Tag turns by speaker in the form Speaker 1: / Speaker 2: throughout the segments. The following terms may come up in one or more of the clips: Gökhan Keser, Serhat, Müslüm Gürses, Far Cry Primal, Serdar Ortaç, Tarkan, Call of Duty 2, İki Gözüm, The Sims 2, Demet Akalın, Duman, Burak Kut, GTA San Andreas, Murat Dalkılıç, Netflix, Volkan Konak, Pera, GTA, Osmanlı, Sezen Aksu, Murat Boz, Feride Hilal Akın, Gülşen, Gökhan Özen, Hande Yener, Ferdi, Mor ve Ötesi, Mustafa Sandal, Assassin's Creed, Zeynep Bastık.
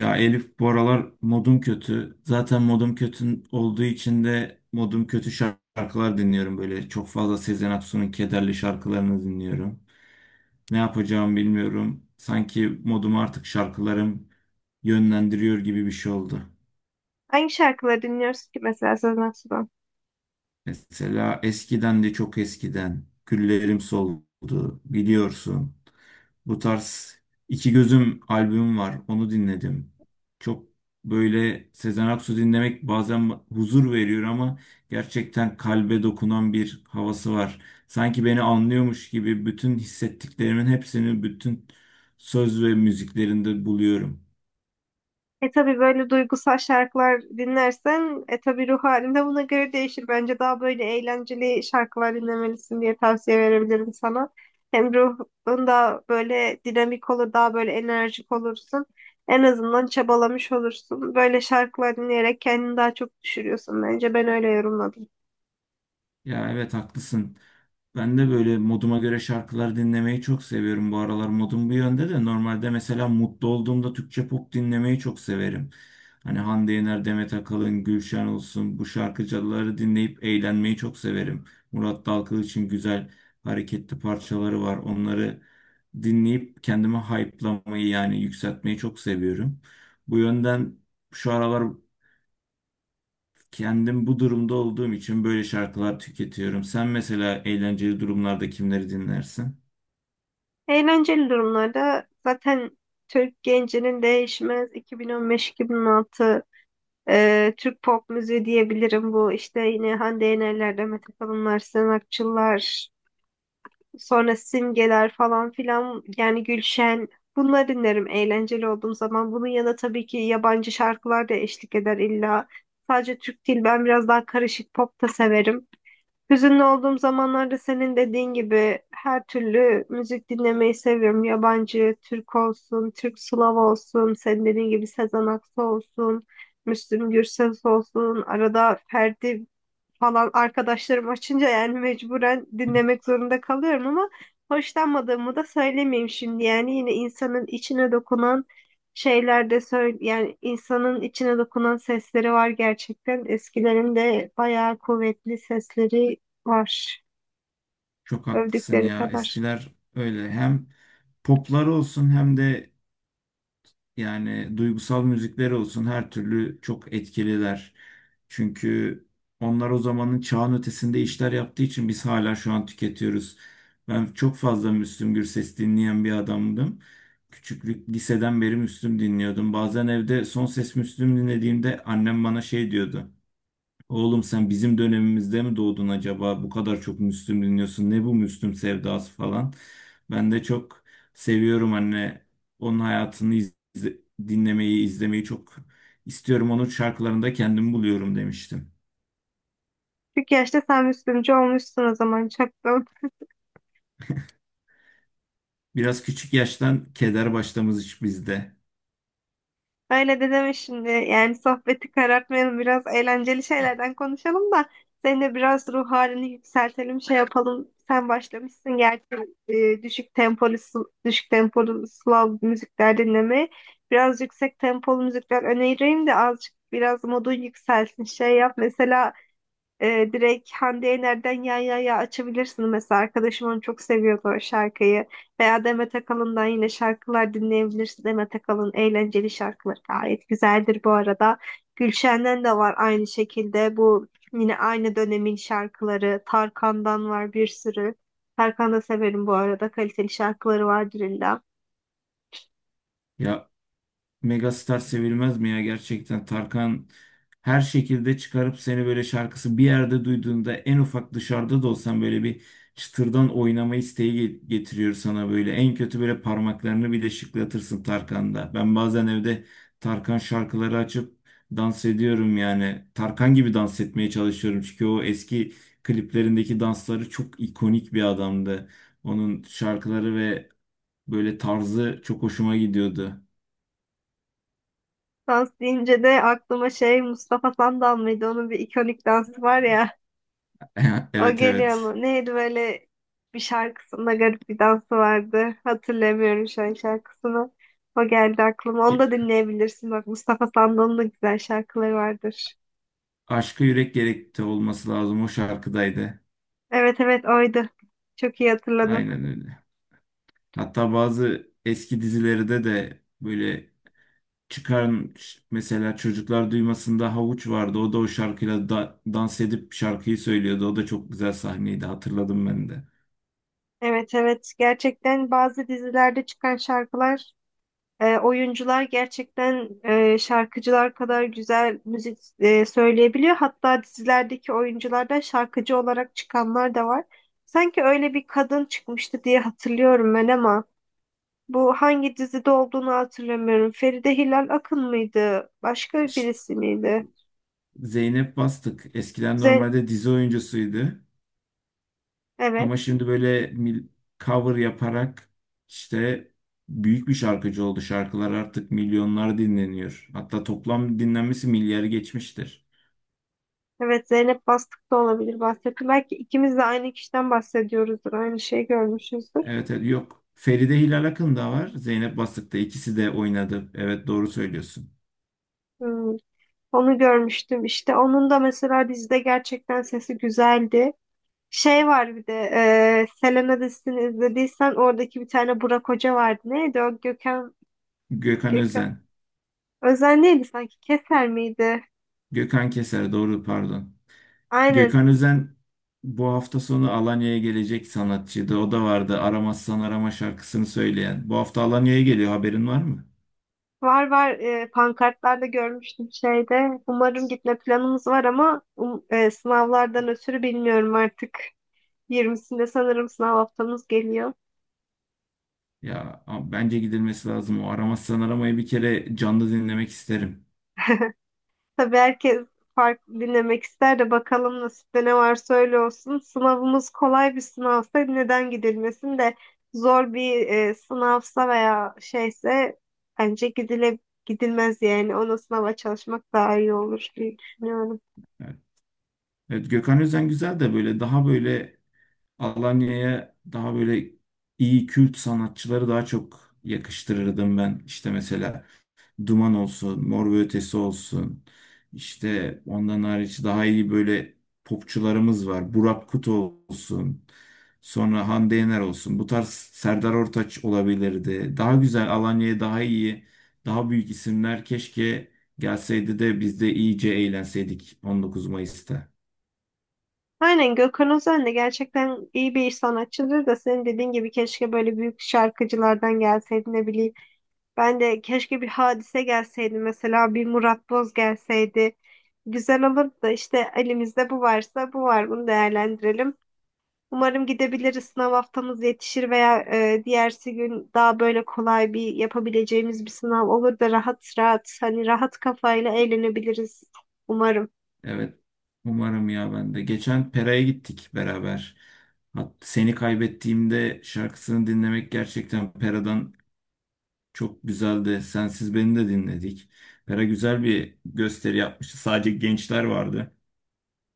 Speaker 1: Ya Elif, bu aralar modum kötü. Zaten modum kötü olduğu için de modum kötü şarkılar dinliyorum böyle. Çok fazla Sezen Aksu'nun kederli şarkılarını dinliyorum. Ne yapacağımı bilmiyorum. Sanki modumu artık şarkılarım yönlendiriyor gibi bir şey oldu.
Speaker 2: Hangi şarkıları dinliyoruz ki mesela Sezen Aksu'dan?
Speaker 1: Mesela eskiden de çok eskiden güllerim soldu biliyorsun. Bu tarz İki Gözüm albüm var. Onu dinledim. Çok böyle Sezen Aksu dinlemek bazen huzur veriyor ama gerçekten kalbe dokunan bir havası var. Sanki beni anlıyormuş gibi bütün hissettiklerimin hepsini bütün söz ve müziklerinde buluyorum.
Speaker 2: E tabii böyle duygusal şarkılar dinlersen tabii ruh halin de buna göre değişir. Bence daha böyle eğlenceli şarkılar dinlemelisin diye tavsiye verebilirim sana. Hem ruhun da böyle dinamik olur, daha böyle enerjik olursun. En azından çabalamış olursun. Böyle şarkılar dinleyerek kendini daha çok düşürüyorsun bence. Ben öyle yorumladım.
Speaker 1: Ya evet, haklısın. Ben de böyle moduma göre şarkılar dinlemeyi çok seviyorum. Bu aralar modum bu yönde de normalde mesela mutlu olduğumda Türkçe pop dinlemeyi çok severim. Hani Hande Yener, Demet Akalın, Gülşen olsun, bu şarkıcıları dinleyip eğlenmeyi çok severim. Murat Dalkılıç'ın güzel hareketli parçaları var. Onları dinleyip kendimi hype'lamayı yani yükseltmeyi çok seviyorum. Bu yönden şu aralar kendim bu durumda olduğum için böyle şarkılar tüketiyorum. Sen mesela eğlenceli durumlarda kimleri dinlersin?
Speaker 2: Eğlenceli durumlarda zaten Türk gencinin değişmez 2015-2016 Türk pop müziği diyebilirim bu işte yine Hande Yener'ler, Demet Akalınlar, Sezen Aksu'lar, sonra Simgeler falan filan yani Gülşen bunları dinlerim eğlenceli olduğum zaman. Bunun yanında tabii ki yabancı şarkılar da eşlik eder illa. Sadece Türk değil ben biraz daha karışık pop da severim. Hüzünlü olduğum zamanlarda senin dediğin gibi her türlü müzik dinlemeyi seviyorum. Yabancı, Türk olsun, Türk Slav olsun, senin dediğin gibi Sezen Aksu olsun, Müslüm Gürses olsun, arada Ferdi falan arkadaşlarım açınca yani mecburen dinlemek zorunda kalıyorum ama hoşlanmadığımı da söylemeyeyim şimdi. Yani yine insanın içine dokunan şeyler de söyle yani insanın içine dokunan sesleri var gerçekten. Eskilerin de bayağı kuvvetli sesleri var
Speaker 1: Çok haklısın
Speaker 2: övdükleri
Speaker 1: ya.
Speaker 2: kadar.
Speaker 1: Eskiler öyle, hem poplar olsun hem de yani duygusal müzikler olsun, her türlü çok etkililer. Çünkü onlar o zamanın çağın ötesinde işler yaptığı için biz hala şu an tüketiyoruz. Ben çok fazla Müslüm Gürses dinleyen bir adamdım. Küçüklük liseden beri Müslüm dinliyordum. Bazen evde son ses Müslüm dinlediğimde annem bana şey diyordu. Oğlum, sen bizim dönemimizde mi doğdun acaba? Bu kadar çok Müslüm dinliyorsun. Ne bu Müslüm sevdası falan. Ben de çok seviyorum anne. Onun hayatını dinlemeyi, izlemeyi çok istiyorum. Onun şarkılarında kendimi buluyorum demiştim.
Speaker 2: Çünkü yaşta sen Müslümcü olmuşsun o zaman çaktım.
Speaker 1: Biraz küçük yaştan keder başlamış bizde.
Speaker 2: Öyle de deme şimdi. Yani sohbeti karartmayalım. Biraz eğlenceli şeylerden konuşalım da senin de biraz ruh halini yükseltelim, şey yapalım. Sen başlamışsın gerçi düşük tempolu Slav müzikler dinlemeye. Biraz yüksek tempolu müzikler önereyim de azıcık biraz modun yükselsin. Şey yap mesela direkt Hande Yener'den Ya Ya Ya açabilirsin mesela. Arkadaşım onu çok seviyordu o şarkıyı. Veya Demet Akalın'dan yine şarkılar dinleyebilirsin. Demet Akalın eğlenceli şarkıları gayet güzeldir bu arada. Gülşen'den de var aynı şekilde. Bu yine aynı dönemin şarkıları. Tarkan'dan var bir sürü. Tarkan'ı da severim bu arada. Kaliteli şarkıları vardır illa.
Speaker 1: Ya Megastar sevilmez mi ya gerçekten? Tarkan her şekilde çıkarıp seni böyle şarkısı bir yerde duyduğunda en ufak dışarıda da olsan böyle bir çıtırdan oynama isteği getiriyor sana böyle. En kötü böyle parmaklarını bile şıklatırsın Tarkan'da. Ben bazen evde Tarkan şarkıları açıp dans ediyorum yani. Tarkan gibi dans etmeye çalışıyorum çünkü o eski kliplerindeki dansları çok ikonik bir adamdı. Onun şarkıları ve böyle tarzı çok hoşuma gidiyordu.
Speaker 2: Dans deyince de aklıma şey Mustafa Sandal mıydı? Onun bir ikonik dansı var ya. O
Speaker 1: Evet,
Speaker 2: geliyor
Speaker 1: evet.
Speaker 2: mu? Neydi böyle bir şarkısında garip bir dansı vardı. Hatırlamıyorum şu an şarkısını. O geldi aklıma. Onu
Speaker 1: Y-
Speaker 2: da dinleyebilirsin. Bak Mustafa Sandal'ın da güzel şarkıları vardır.
Speaker 1: Aşka Yürek Gerekti olması lazım, o şarkıdaydı.
Speaker 2: Evet, evet, oydu. Çok iyi hatırladım.
Speaker 1: Aynen öyle. Hatta bazı eski dizilerde de böyle çıkan mesela Çocuklar Duymasın'da Havuç vardı. O da o şarkıyla dans edip şarkıyı söylüyordu. O da çok güzel sahneydi. Hatırladım ben de.
Speaker 2: Evet, evet, gerçekten bazı dizilerde çıkan şarkılar. Oyuncular gerçekten şarkıcılar kadar güzel müzik söyleyebiliyor. Hatta dizilerdeki oyunculardan şarkıcı olarak çıkanlar da var. Sanki öyle bir kadın çıkmıştı diye hatırlıyorum ben ama bu hangi dizide olduğunu hatırlamıyorum. Feride Hilal Akın mıydı? Başka
Speaker 1: Ş-
Speaker 2: birisi miydi?
Speaker 1: Zeynep Bastık eskiden
Speaker 2: Z
Speaker 1: normalde dizi oyuncusuydu.
Speaker 2: evet.
Speaker 1: Ama şimdi böyle cover yaparak işte büyük bir şarkıcı oldu. Şarkılar artık milyonlar dinleniyor. Hatta toplam dinlenmesi milyarı geçmiştir.
Speaker 2: Evet, Zeynep Bastık da olabilir bahsettim. Belki ikimiz de aynı kişiden bahsediyoruzdur. Aynı şeyi görmüşüzdür.
Speaker 1: Evet, evet. Yok, Feride Hilal Akın da var. Zeynep Bastık'ta ikisi de oynadı. Evet, doğru söylüyorsun.
Speaker 2: Hmm, Onu görmüştüm işte. Onun da mesela dizide gerçekten sesi güzeldi. Şey var bir de Selena dizisini izlediysen oradaki bir tane Burak Hoca vardı. Neydi o? Gökhan,
Speaker 1: Gökhan
Speaker 2: Gökhan.
Speaker 1: Özen.
Speaker 2: Özen neydi sanki? Keser miydi?
Speaker 1: Gökhan Keser, doğru, pardon.
Speaker 2: Aynen.
Speaker 1: Gökhan Özen bu hafta sonu Alanya'ya gelecek sanatçıydı. O da vardı. Aramazsan Arama şarkısını söyleyen. Bu hafta Alanya'ya geliyor. Haberin var mı?
Speaker 2: Var, var, pankartlarda görmüştüm şeyde. Umarım gitme planımız var ama sınavlardan ötürü bilmiyorum artık. 20'sinde sanırım sınav haftamız geliyor.
Speaker 1: Ya bence gidilmesi lazım. O Aramazsan Arama'yı bir kere canlı dinlemek isterim.
Speaker 2: Tabii herkes farklı dinlemek ister de bakalım nasipte ne varsa öyle olsun. Sınavımız kolay bir sınavsa neden gidilmesin de zor bir sınavsa veya şeyse bence gidilmez yani. Ona sınava çalışmak daha iyi olur diye düşünüyorum.
Speaker 1: Evet, evet, Gökhan Özen güzel de böyle daha böyle Alanya'ya daha böyle iyi kült sanatçıları daha çok yakıştırırdım ben. İşte mesela Duman olsun, Mor ve Ötesi olsun. İşte ondan hariç daha iyi böyle popçularımız var. Burak Kut olsun. Sonra Hande Yener olsun. Bu tarz Serdar Ortaç olabilirdi. Daha güzel Alanya'ya daha iyi, daha büyük isimler keşke gelseydi de biz de iyice eğlenseydik 19 Mayıs'ta.
Speaker 2: Aynen Gökhan Özen de gerçekten iyi bir sanatçıdır da senin dediğin gibi keşke böyle büyük şarkıcılardan gelseydi ne bileyim. Ben de keşke bir hadise gelseydi mesela bir Murat Boz gelseydi. Güzel olurdu da işte elimizde bu varsa bu var, bunu değerlendirelim. Umarım gidebiliriz, sınav haftamız yetişir veya diğersi gün daha böyle kolay bir yapabileceğimiz bir sınav olur da rahat rahat hani rahat kafayla eğlenebiliriz umarım.
Speaker 1: Evet. Umarım ya, ben de. Geçen Pera'ya gittik beraber. Seni Kaybettiğimde şarkısını dinlemek gerçekten Pera'dan çok güzeldi. Sensiz Beni de dinledik. Pera güzel bir gösteri yapmıştı. Sadece gençler vardı.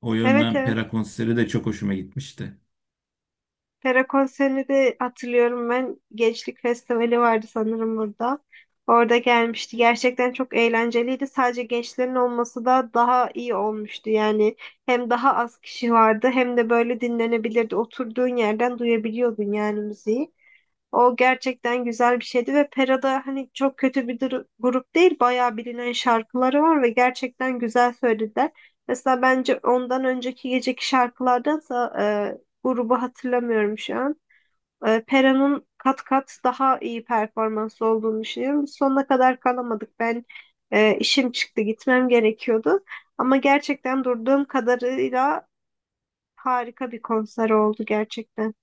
Speaker 1: O
Speaker 2: Evet,
Speaker 1: yönden
Speaker 2: evet.
Speaker 1: Pera konseri de çok hoşuma gitmişti.
Speaker 2: Pera konserini de hatırlıyorum ben. Gençlik Festivali vardı sanırım burada. Orada gelmişti. Gerçekten çok eğlenceliydi. Sadece gençlerin olması da daha iyi olmuştu. Yani hem daha az kişi vardı hem de böyle dinlenebilirdi. Oturduğun yerden duyabiliyordun yani müziği. O gerçekten güzel bir şeydi ve Pera'da hani çok kötü bir grup değil, bayağı bilinen şarkıları var ve gerçekten güzel söylediler. Mesela bence ondan önceki geceki şarkılardansa grubu hatırlamıyorum şu an. Pera'nın kat kat daha iyi performanslı olduğunu düşünüyorum. Biz sonuna kadar kalamadık. Ben işim çıktı, gitmem gerekiyordu. Ama gerçekten durduğum kadarıyla harika bir konser oldu gerçekten.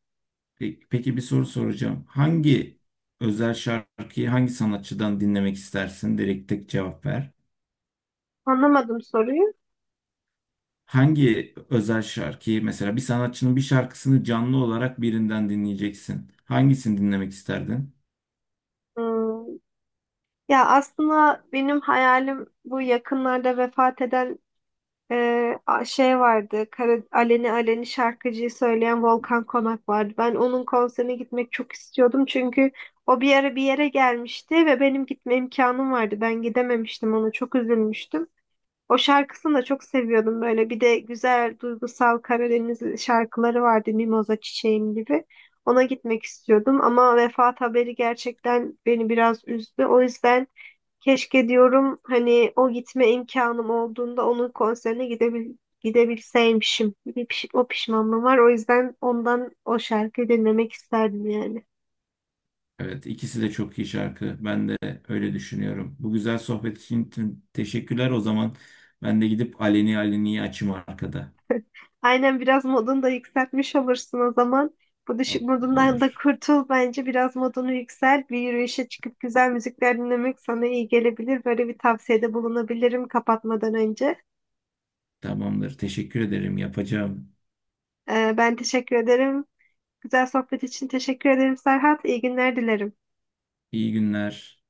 Speaker 1: Peki, peki bir soru soracağım. Hangi özel şarkıyı hangi sanatçıdan dinlemek istersin? Direkt tek cevap ver.
Speaker 2: Anlamadım soruyu.
Speaker 1: Hangi özel şarkıyı, mesela bir sanatçının bir şarkısını canlı olarak birinden dinleyeceksin. Hangisini dinlemek isterdin?
Speaker 2: Hmm. Ya aslında benim hayalim bu yakınlarda vefat eden şey vardı. Aleni Aleni şarkıcıyı söyleyen Volkan Konak vardı. Ben onun konserine gitmek çok istiyordum çünkü o bir ara bir yere gelmişti ve benim gitme imkanım vardı. Ben gidememiştim, ona çok üzülmüştüm. O şarkısını da çok seviyordum böyle. Bir de güzel duygusal Karadeniz şarkıları vardı Mimoza Çiçeğim gibi. Ona gitmek istiyordum ama vefat haberi gerçekten beni biraz üzdü. O yüzden keşke diyorum hani o gitme imkanım olduğunda onun konserine gidebilseymişim. O pişmanlığım var. O yüzden ondan o şarkıyı dinlemek isterdim yani.
Speaker 1: Evet, ikisi de çok iyi şarkı. Ben de öyle düşünüyorum. Bu güzel sohbet için teşekkürler o zaman. Ben de gidip Aleni Aleni'yi açayım arkada.
Speaker 2: Aynen, biraz modunu da yükseltmiş olursun o zaman. Bu düşük modundan da
Speaker 1: Olur.
Speaker 2: kurtul bence. Biraz modunu yükselt. Bir yürüyüşe çıkıp güzel müzikler dinlemek sana iyi gelebilir. Böyle bir tavsiyede bulunabilirim kapatmadan önce.
Speaker 1: Tamamdır. Teşekkür ederim. Yapacağım.
Speaker 2: Ben teşekkür ederim. Güzel sohbet için teşekkür ederim Serhat. İyi günler dilerim.
Speaker 1: İyi günler.